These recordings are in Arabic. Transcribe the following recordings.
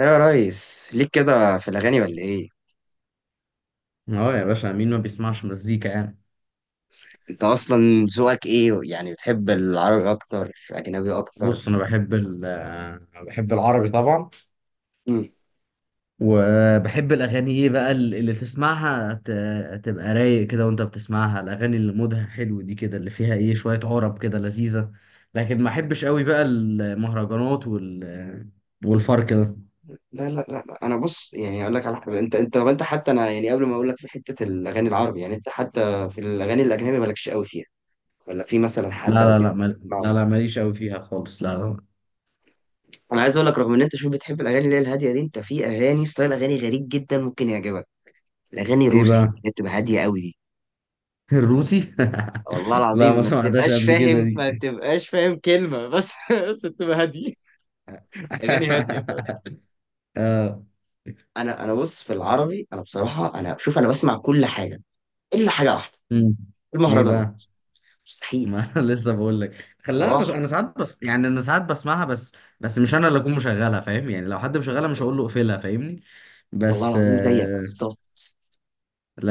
ايه يا ريس ليك كده في الاغاني ولا ايه؟ اه، يا باشا، مين ما بيسمعش مزيكا يعني؟ انت اصلا ذوقك ايه؟ يعني بتحب العربي اكتر اجنبي بص، اكتر؟ انا بحب ال آه، بحب العربي طبعا. مم. وبحب الاغاني ايه بقى اللي تسمعها تبقى رايق كده وانت بتسمعها، الاغاني اللي مودها حلو دي كده، اللي فيها ايه، شوية عرب كده لذيذة. لكن ما احبش قوي بقى المهرجانات والفرق ده. لا لا لا لا، انا بص يعني اقول لك على حاجه. انت طب انت حتى انا يعني قبل ما اقول لك في حته الاغاني العربي، يعني انت حتى في الاغاني الاجنبي مالكش قوي فيها، ولا في مثلا لا، حد او لا، اتنين لا، بتحب لا، تسمعهم؟ لا، ماليش قوي فيها خالص، لا، لا. انا عايز اقول لك رغم ان انت شو بتحب الاغاني اللي هي الهاديه دي، انت في اغاني ستايل اغاني غريب جدا ممكن يعجبك. الاغاني ايه الروسي بقى؟ اللي بتبقى هاديه قوي دي، الروسي والله لا، العظيم ما ما سمعتهاش تبقاش قبل كده فاهم، ما دي. تبقاش فاهم كلمه بس بس تبقى هاديه. اغاني هاديه، فاهم. آه. انا بص، في العربي انا بصراحه انا شوف انا بسمع كل حاجه الا حاجه واحده: مم. ايه المهرجانات. بقى؟ مستحيل. ما لسه بقول لك، خلاها صراحه. بس. انا ساعات، بس يعني انا ساعات بسمعها بس. بس مش انا اللي اكون مشغلها، فاهم؟ يعني لو حد مشغلها، مش هقول له اقفلها، فاهمني؟ والله بس العظيم زيك آه، بالظبط.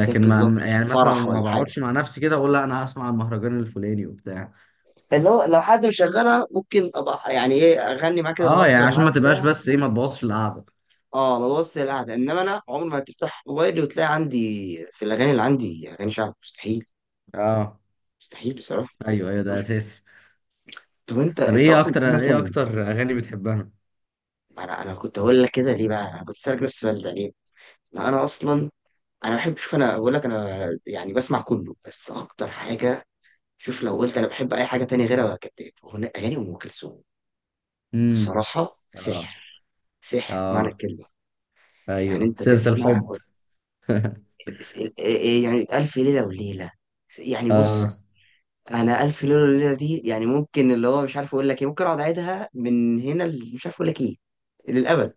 زيك بالظبط. ما يعني مثلا فرح ما ولا حاجه، بقعدش مع نفسي كده اقول لا، انا هسمع المهرجان الفلاني وبتاع. اللي هو لو حد مشغلها ممكن ابقى يعني ايه اغني معاه كده اه، يعني واهزر عشان معاه ما تبقاش، وبتاع. بس ايه، ما تبوظش القعده. اه ببص القعده، انما انا عمري ما هتفتح موبايلي وتلاقي عندي، في الاغاني اللي عندي، اغاني شعب. مستحيل. اه، مستحيل بصراحه. ايوه، ايوه، ده اساسي. طب انت طب انت ايه اصلا بتحب اكتر ايه مثلا؟ اكتر اغاني بتحبها؟ انا كنت هقول لك كده ليه بقى، انا كنت اسالك نفس السؤال ده ليه؟ لا انا اصلا. انا بحب، شوف انا بقول لك، انا يعني بسمع كله بس اكتر حاجه، شوف لو قلت انا بحب اي حاجه تانية غيرها كداب، اغاني ام كلثوم. امم. بصراحه اه. سحر. سحر معنى اه. الكلمه. يعني ايوه، انت سيرة تسمع الحب. إيه، يعني الف ليله وليله. يعني اه. بص، انا الف ليله وليله دي يعني ممكن اللي هو مش عارف اقول لك ايه، ممكن اقعد اعيدها من هنا مش عارف اقول لك ايه، للابد.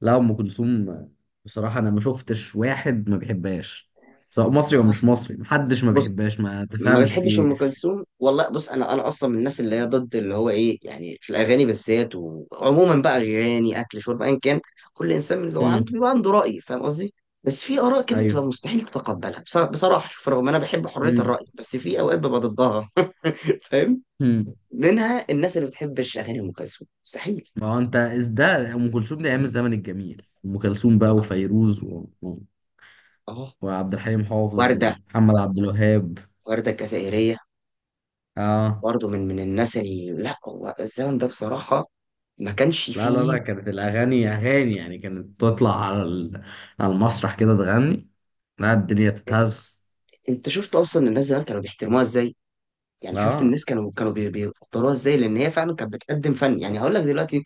لا، ام كلثوم. بصراحه انا ما شفتش واحد ما بيحبهاش، سواء مصري او مش أصل. مصري، محدش ما بص. بيحبهاش، ما ما تفهمش في بتحبش ايه. ام كلثوم؟ والله بص، انا اصلا من الناس اللي هي ضد اللي هو ايه يعني في الاغاني بالذات، وعموما بقى اغاني اكل شرب ايا كان، كل انسان اللي هو مم. عنده بيبقى عنده راي، فاهم قصدي. بس في اراء كده بتبقى ايوه. مستحيل تتقبلها. بصراحه، شوف، رغم انا بحب حريه مم. الراي بس في اوقات ببقى ضدها. فاهم؟ مم. منها الناس اللي بتحبش اغاني ام كلثوم، مستحيل. ما هو انت إز ده، ام كلثوم دي ايام الزمن الجميل، ام كلثوم بقى، وفيروز اه. وعبد الحليم حافظ، ورده. ومحمد عبد الوهاب. ورده الجزائريه. اه. برضه من الناس اللي لا، هو الزمن ده بصراحه ما كانش لا، لا، فيه. لا، كانت الاغاني اغاني يعني، كانت تطلع على على المسرح كده تغني. لا، الدنيا تتهز. انت شفت اصلا الناس زمان كانوا بيحترموها ازاي. يعني شفت اه. الناس كانوا بيقدروها ازاي، لان هي فعلا كانت بتقدم فن. يعني هقول لك دلوقتي،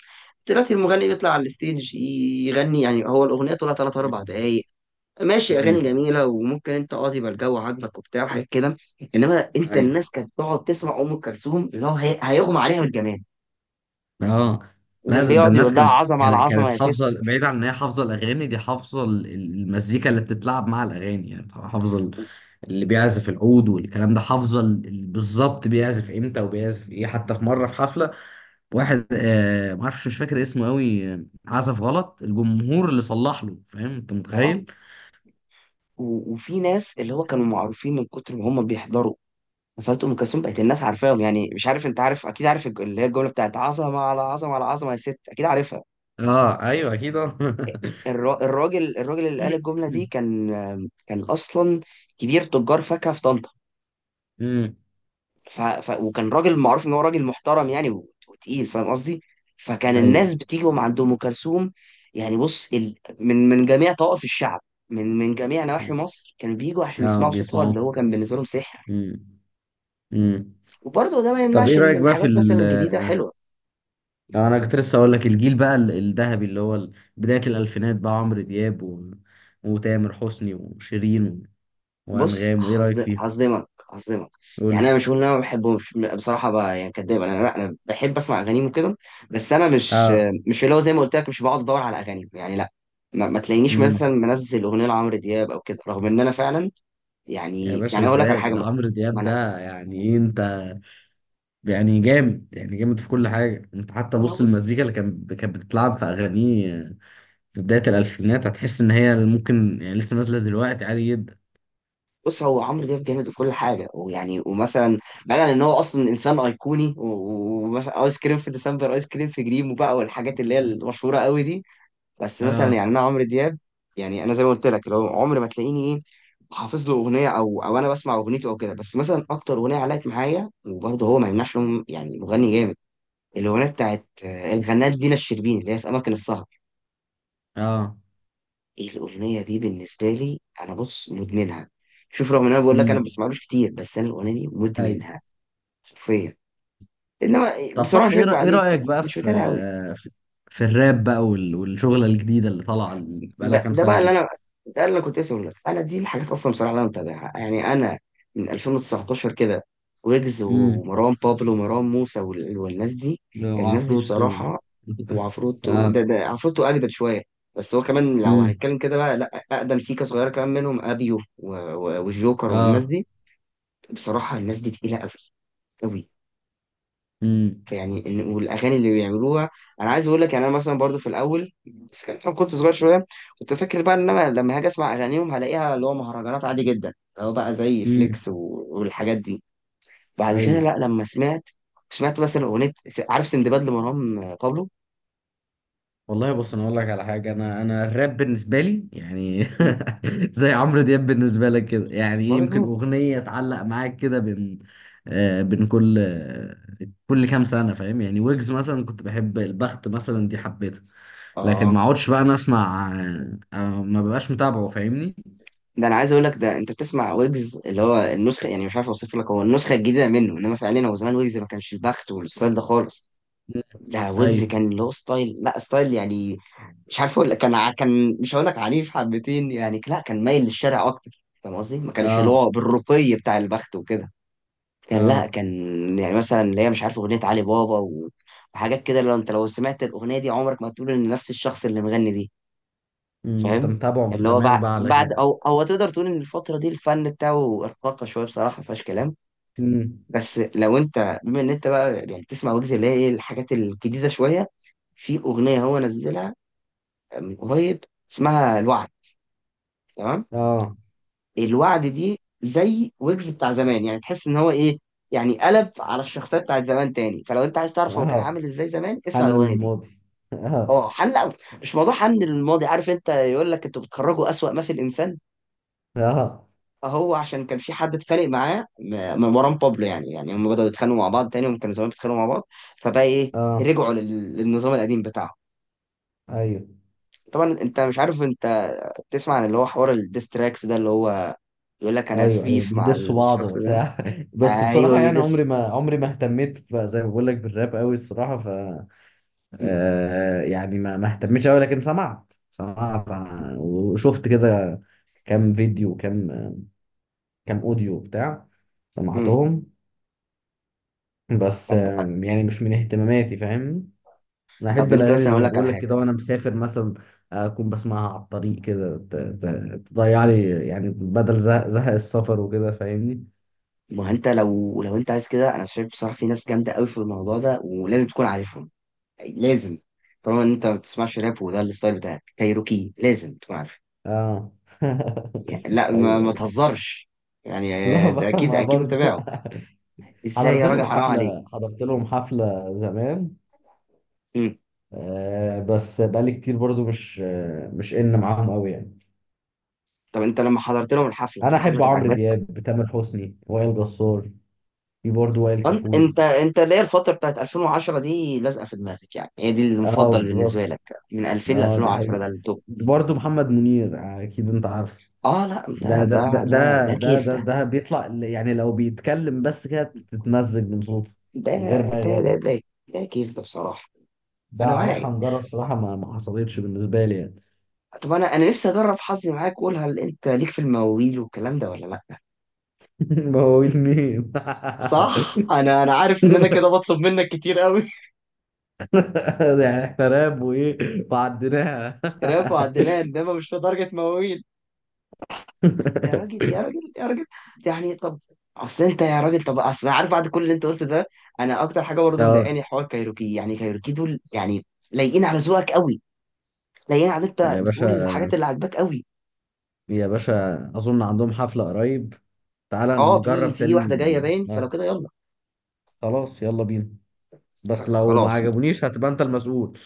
دلوقتي المغني بيطلع على الستيج يغني، يعني هو الاغنيه طولها 3 4 مم. دقائق، ماشي، اغاني مم. جميله وممكن انت اه يبقى الجو عاجبك وبتاع وحاجات كده. انما انت ايوه. الناس كانت تقعد تسمع ام كلثوم اللي هو هيغمى عليها بالجمال، اه. لا، ده, واللي ده يقعد يقول الناس لها كانت عظمه على كانت عظمه كانت يا ست. حافظه، بعيد عن ان هي حافظه الاغاني دي، حافظه المزيكا اللي بتتلعب مع الاغاني، يعني حافظه اللي بيعزف العود والكلام ده، حافظه بالظبط بيعزف امتى وبيعزف ايه. حتى في مره، في حفله، واحد ما اعرفش، مش فاكر اسمه قوي، عزف غلط، الجمهور اللي صلح له، فاهم انت؟ اه، متخيل؟ وفي ناس اللي هو كانوا معروفين من كتر ما هم بيحضروا فات ام كلثوم بقت الناس عارفاهم. يعني مش عارف، انت عارف اكيد، عارف اللي هي الجمله بتاعت عظمه على عظمه على عظمه يا ست، اكيد عارفها. اه، ايوه، اكيد، آه. الراجل اللي قال الجمله دي كان، كان اصلا كبير تجار فاكهه في طنطا. امم. وكان راجل معروف ان هو راجل محترم يعني وتقيل، فاهم قصدي. فكان ايوه. الناس بتيجي من عند ام كلثوم. يعني بص، ال... من جميع طوائف الشعب، من جميع نواحي مم. مصر كانوا بيجوا عشان اه، يسمعوا صوتها اللي بيسمعوه. هو كان بالنسبه لهم سحر. امم. امم. وبرضه ده ما طب يمنعش ايه ان رايك بقى في الحاجات مثلا الجديده حلوه. اه، انا كنت لسه اقول لك الجيل بقى الذهبي، اللي هو بداية الالفينات، ده عمرو دياب وتامر حسني وشيرين بص، وانغام، وايه رايك فيهم؟ هصدمك. هصدمك قول لي. يعني، انا مش هقول ان انا ما بحبهمش، بصراحه بقى يعني كداب، انا لا انا بحب اسمع اغانيهم وكده، بس انا مش، اه. مش اللي هو زي ما قلت لك مش بقعد ادور على اغانيهم. يعني لا، ما تلاقينيش امم. مثلا منزل اغنيه لعمرو دياب او كده، رغم ان انا فعلا يا يعني باشا، يعني اقول لك على ازاي؟ حاجه. ده ما عمرو ما دياب انا ده، يعني ايه انت؟ يعني جامد، يعني جامد في كل حاجة. انت حتى ما بص، بص، المزيكا اللي كانت بتتلعب في اغانيه في بداية الالفينات، هتحس ان هي ممكن يعني لسه نازلة دلوقتي عادي جدا. بص، هو عمرو دياب جامد وكل حاجه ويعني ومثلا، بعيدا ان هو اصلا انسان ايقوني ومثلا ايس كريم في ديسمبر، ايس كريم في جريم، وبقى، والحاجات اللي هي المشهوره قوي دي. بس مثلا اه. يعني انا عمرو دياب، يعني انا زي ما قلت لك لو عمري ما تلاقيني ايه، حافظ له اغنيه او انا بسمع اغنيته او كده. بس مثلا اكتر اغنيه علقت معايا، وبرضه هو ما يمنعش إنه يعني مغني جامد، الاغنيه بتاعت آه، الفنانه دينا الشربيني اللي هي في اماكن السهر. اه. ايه الاغنيه دي بالنسبه لي، انا بص مدمنها. شوف، رغم ان انا بقول لك انا ما امم. بسمعلوش كتير، بس انا الاغنيه دي مدمنها. حرفيا. انما طب بصراحه صح، مش ايه هكدب رأ- إيه عليك، رأيك يعني بقى مش متابع قوي. في, في الراب بقى، والشغلة الجديدة اللي طالعة، بقالها ده كام ده بقى سنة اللي دي. انا، ده اللي كنت اسمه لك. انا دي الحاجات اصلا بصراحه اللي انا متابعها. يعني انا من 2019 كده، ويجز امم. ومروان بابلو ومروان موسى والناس دي. الناس دي وعفروتو. بصراحه. وعفروتو. اه. ده عفروتو اجدد شويه. بس هو كمان لو امم. هنتكلم كده بقى، لا، اقدم سيكا صغيره كمان منهم ابيو والجوكر والناس اه. دي. بصراحه الناس دي تقيله قوي. قوي. امم. فيعني والاغاني اللي بيعملوها. انا عايز اقول لك يعني انا مثلا برضو في الاول، بس كان طبعاً كنت صغير شويه، كنت فاكر بقى ان انا لما هاجي اسمع اغانيهم هلاقيها اللي هو مهرجانات عادي جدا اللي هو بقى زي امم. فليكس والحاجات دي. بعد كده ايوه. لا، لما سمعت، سمعت مثلا اغنيه عارف سندباد لمروان بابلو. والله، بص، انا اقول لك على حاجه، انا الراب بالنسبه لي يعني م- زي عمرو دياب بالنسبه لك كده، يعني إيه، يمكن برضو. اغنيه تعلق معاك كده بين بين كل كام سنه، فاهم يعني؟ ويجز مثلا كنت بحب البخت مثلا، دي حبيتها. لكن اه، ما اقعدش بقى انا اسمع ما ببقاش متابعه، فاهمني؟ ده انا عايز اقول لك، ده انت بتسمع ويجز اللي هو النسخه، يعني مش عارف اوصف لك، هو النسخه الجديده منه، انما فعليا هو زمان ويجز ما كانش البخت والستايل ده خالص. مم. ده ويجز ايوه. كان له ستايل، لا ستايل يعني مش عارف اقول لك، كان كان، مش هقول لك عنيف حبتين يعني لا، كان مايل للشارع اكتر، فاهم قصدي، ما كانش اللي اه. هو بالرقي بتاع البخت وكده. كان، لا اه. كان، يعني مثلا اللي هي مش عارف اغنيه علي بابا وحاجات كده، لو انت لو سمعت الاغنيه دي عمرك ما تقول ان نفس الشخص اللي مغني دي. أمم، انت فاهم. متابعه من اللي هو زمان بعد بقى على بعد كده. او هو تقدر تقول ان الفتره دي الفن بتاعه ارتقى شويه بصراحه ما فيهاش كلام. أمم،. بس لو انت بما ان انت بقى يعني بتسمع ويجز اللي هي ايه الحاجات الجديده شويه، في اغنيه هو نزلها من قريب اسمها الوعد. تمام. اه. الوعد دي زي ويجز بتاع زمان، يعني تحس ان هو ايه، يعني قلب على الشخصيه بتاعت زمان تاني. فلو انت عايز تعرف هو كان اه. عامل ازاي زمان اسمع عن الاغنيه دي. الماضي. اه. اه حن لا، مش موضوع حن للماضي، عارف، انت يقول لك انتوا بتخرجوا اسوأ ما في الانسان. اه. هو عشان كان في حد اتخانق معاه، من مروان بابلو. يعني هم بدأوا يتخانقوا مع بعض تاني، هم كانوا زمان بيتخانقوا مع بعض. فبقى ايه، اه. رجعوا للنظام القديم بتاعهم. ايوه، طبعا انت مش عارف، انت تسمع عن اللي هو حوار الديستراكس ده، اللي هو يقول لك انا في ايوه، ايوه، بيف مع بيدسوا بعض الشخص ده. وبتاع بس ايوه، بصراحه يعني، عمري بيدس. ما عمري ما اهتميت زي ما بقول لك بالراب قوي الصراحه. م- يعني ما اهتمتش قوي، لكن سمعت، وشفت كده كام فيديو، كان اوديو بتاع، م. سمعتهم. بس طب، يعني مش من اهتماماتي، فاهم؟ انا طب احب انت الاغاني مثلا زي اقول ما لك على بقول لك كده، حاجه. وانا مسافر مثلا اكون بسمعها على الطريق كده تضيع لي يعني، بدل زهق السفر وكده، فاهمني؟ ما هو انت لو انت عايز كده، انا شايف بصراحه في ناس جامده قوي في الموضوع ده ولازم تكون عارفهم. لازم. طالما ان انت ما بتسمعش راب وده الستايل بتاعك، كايروكي لازم تكون عارفه. اه. يعني لا، ما, ايوه، ما ايوه. تهزرش يعني. لا آه، ده بقى، اكيد ما اكيد برضه. متابعه. ازاي حضرت يا راجل؟ لهم حرام عليك. حفله حضرت لهم حفله زمان. مم. بس بقالي كتير برضو، مش ان معاهم قوي يعني. طب انت لما حضرت لهم الحفله، انا الحفله احب كانت عمرو عاجباك؟ دياب، تامر حسني، وائل جسار. في برضه وائل انت كفوري. انت انت اللي هي الفتره بتاعت 2010 دي لازقه في دماغك، يعني هي دي اه، المفضل بالنسبه بالظبط. لك، من 2000 ل اه، دي 2010 حقيقة. ده التوب. برضه محمد منير، اكيد انت عارف. اه، لا انت ده ده ده، ده ده ده ده كيف ده, ده. ده بيطلع، يعني لو بيتكلم بس كده تتمزج من صوته، ده من غير ما ده ده يغني. ده, ده كيف ده بصراحه. ده انا عليه معاك. حنجرة، الصراحة ما حصلتش بالنسبة لي يعني. طب انا نفسي اجرب حظي معاك، قول هل انت ليك في المواويل والكلام ده ولا لا؟ مواويل مين؟ صح، انا عارف ان انا كده بطلب منك كتير قوي. يعني احنا راب وايه وعديناها. رافع وعدنان انما مش لدرجه مواويل. يا راجل يا راجل يا راجل. يعني طب. اصل انت يا راجل، طب اصل أنا عارف بعد كل اللي انت قلته ده، انا اكتر حاجه برضه اه مضايقاني حوار كايروكي، يعني كايروكي دول يعني لايقين على ذوقك قوي، لايقين على انت يا بتقول باشا، الحاجات اللي عاجباك قوي. يا باشا، اظن عندهم حفلة قريب. تعالى اه، في نجرب في تاني واحده جايه ن- باين، آه، فلو كده يلا. خلاص، يلا بينا. بس لو ما خلاص. عجبونيش، هتبقى انت المسؤول.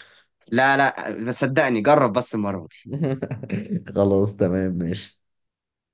لا لا، بس صدقني جرب بس المره دي. خلاص، تمام، ماشي.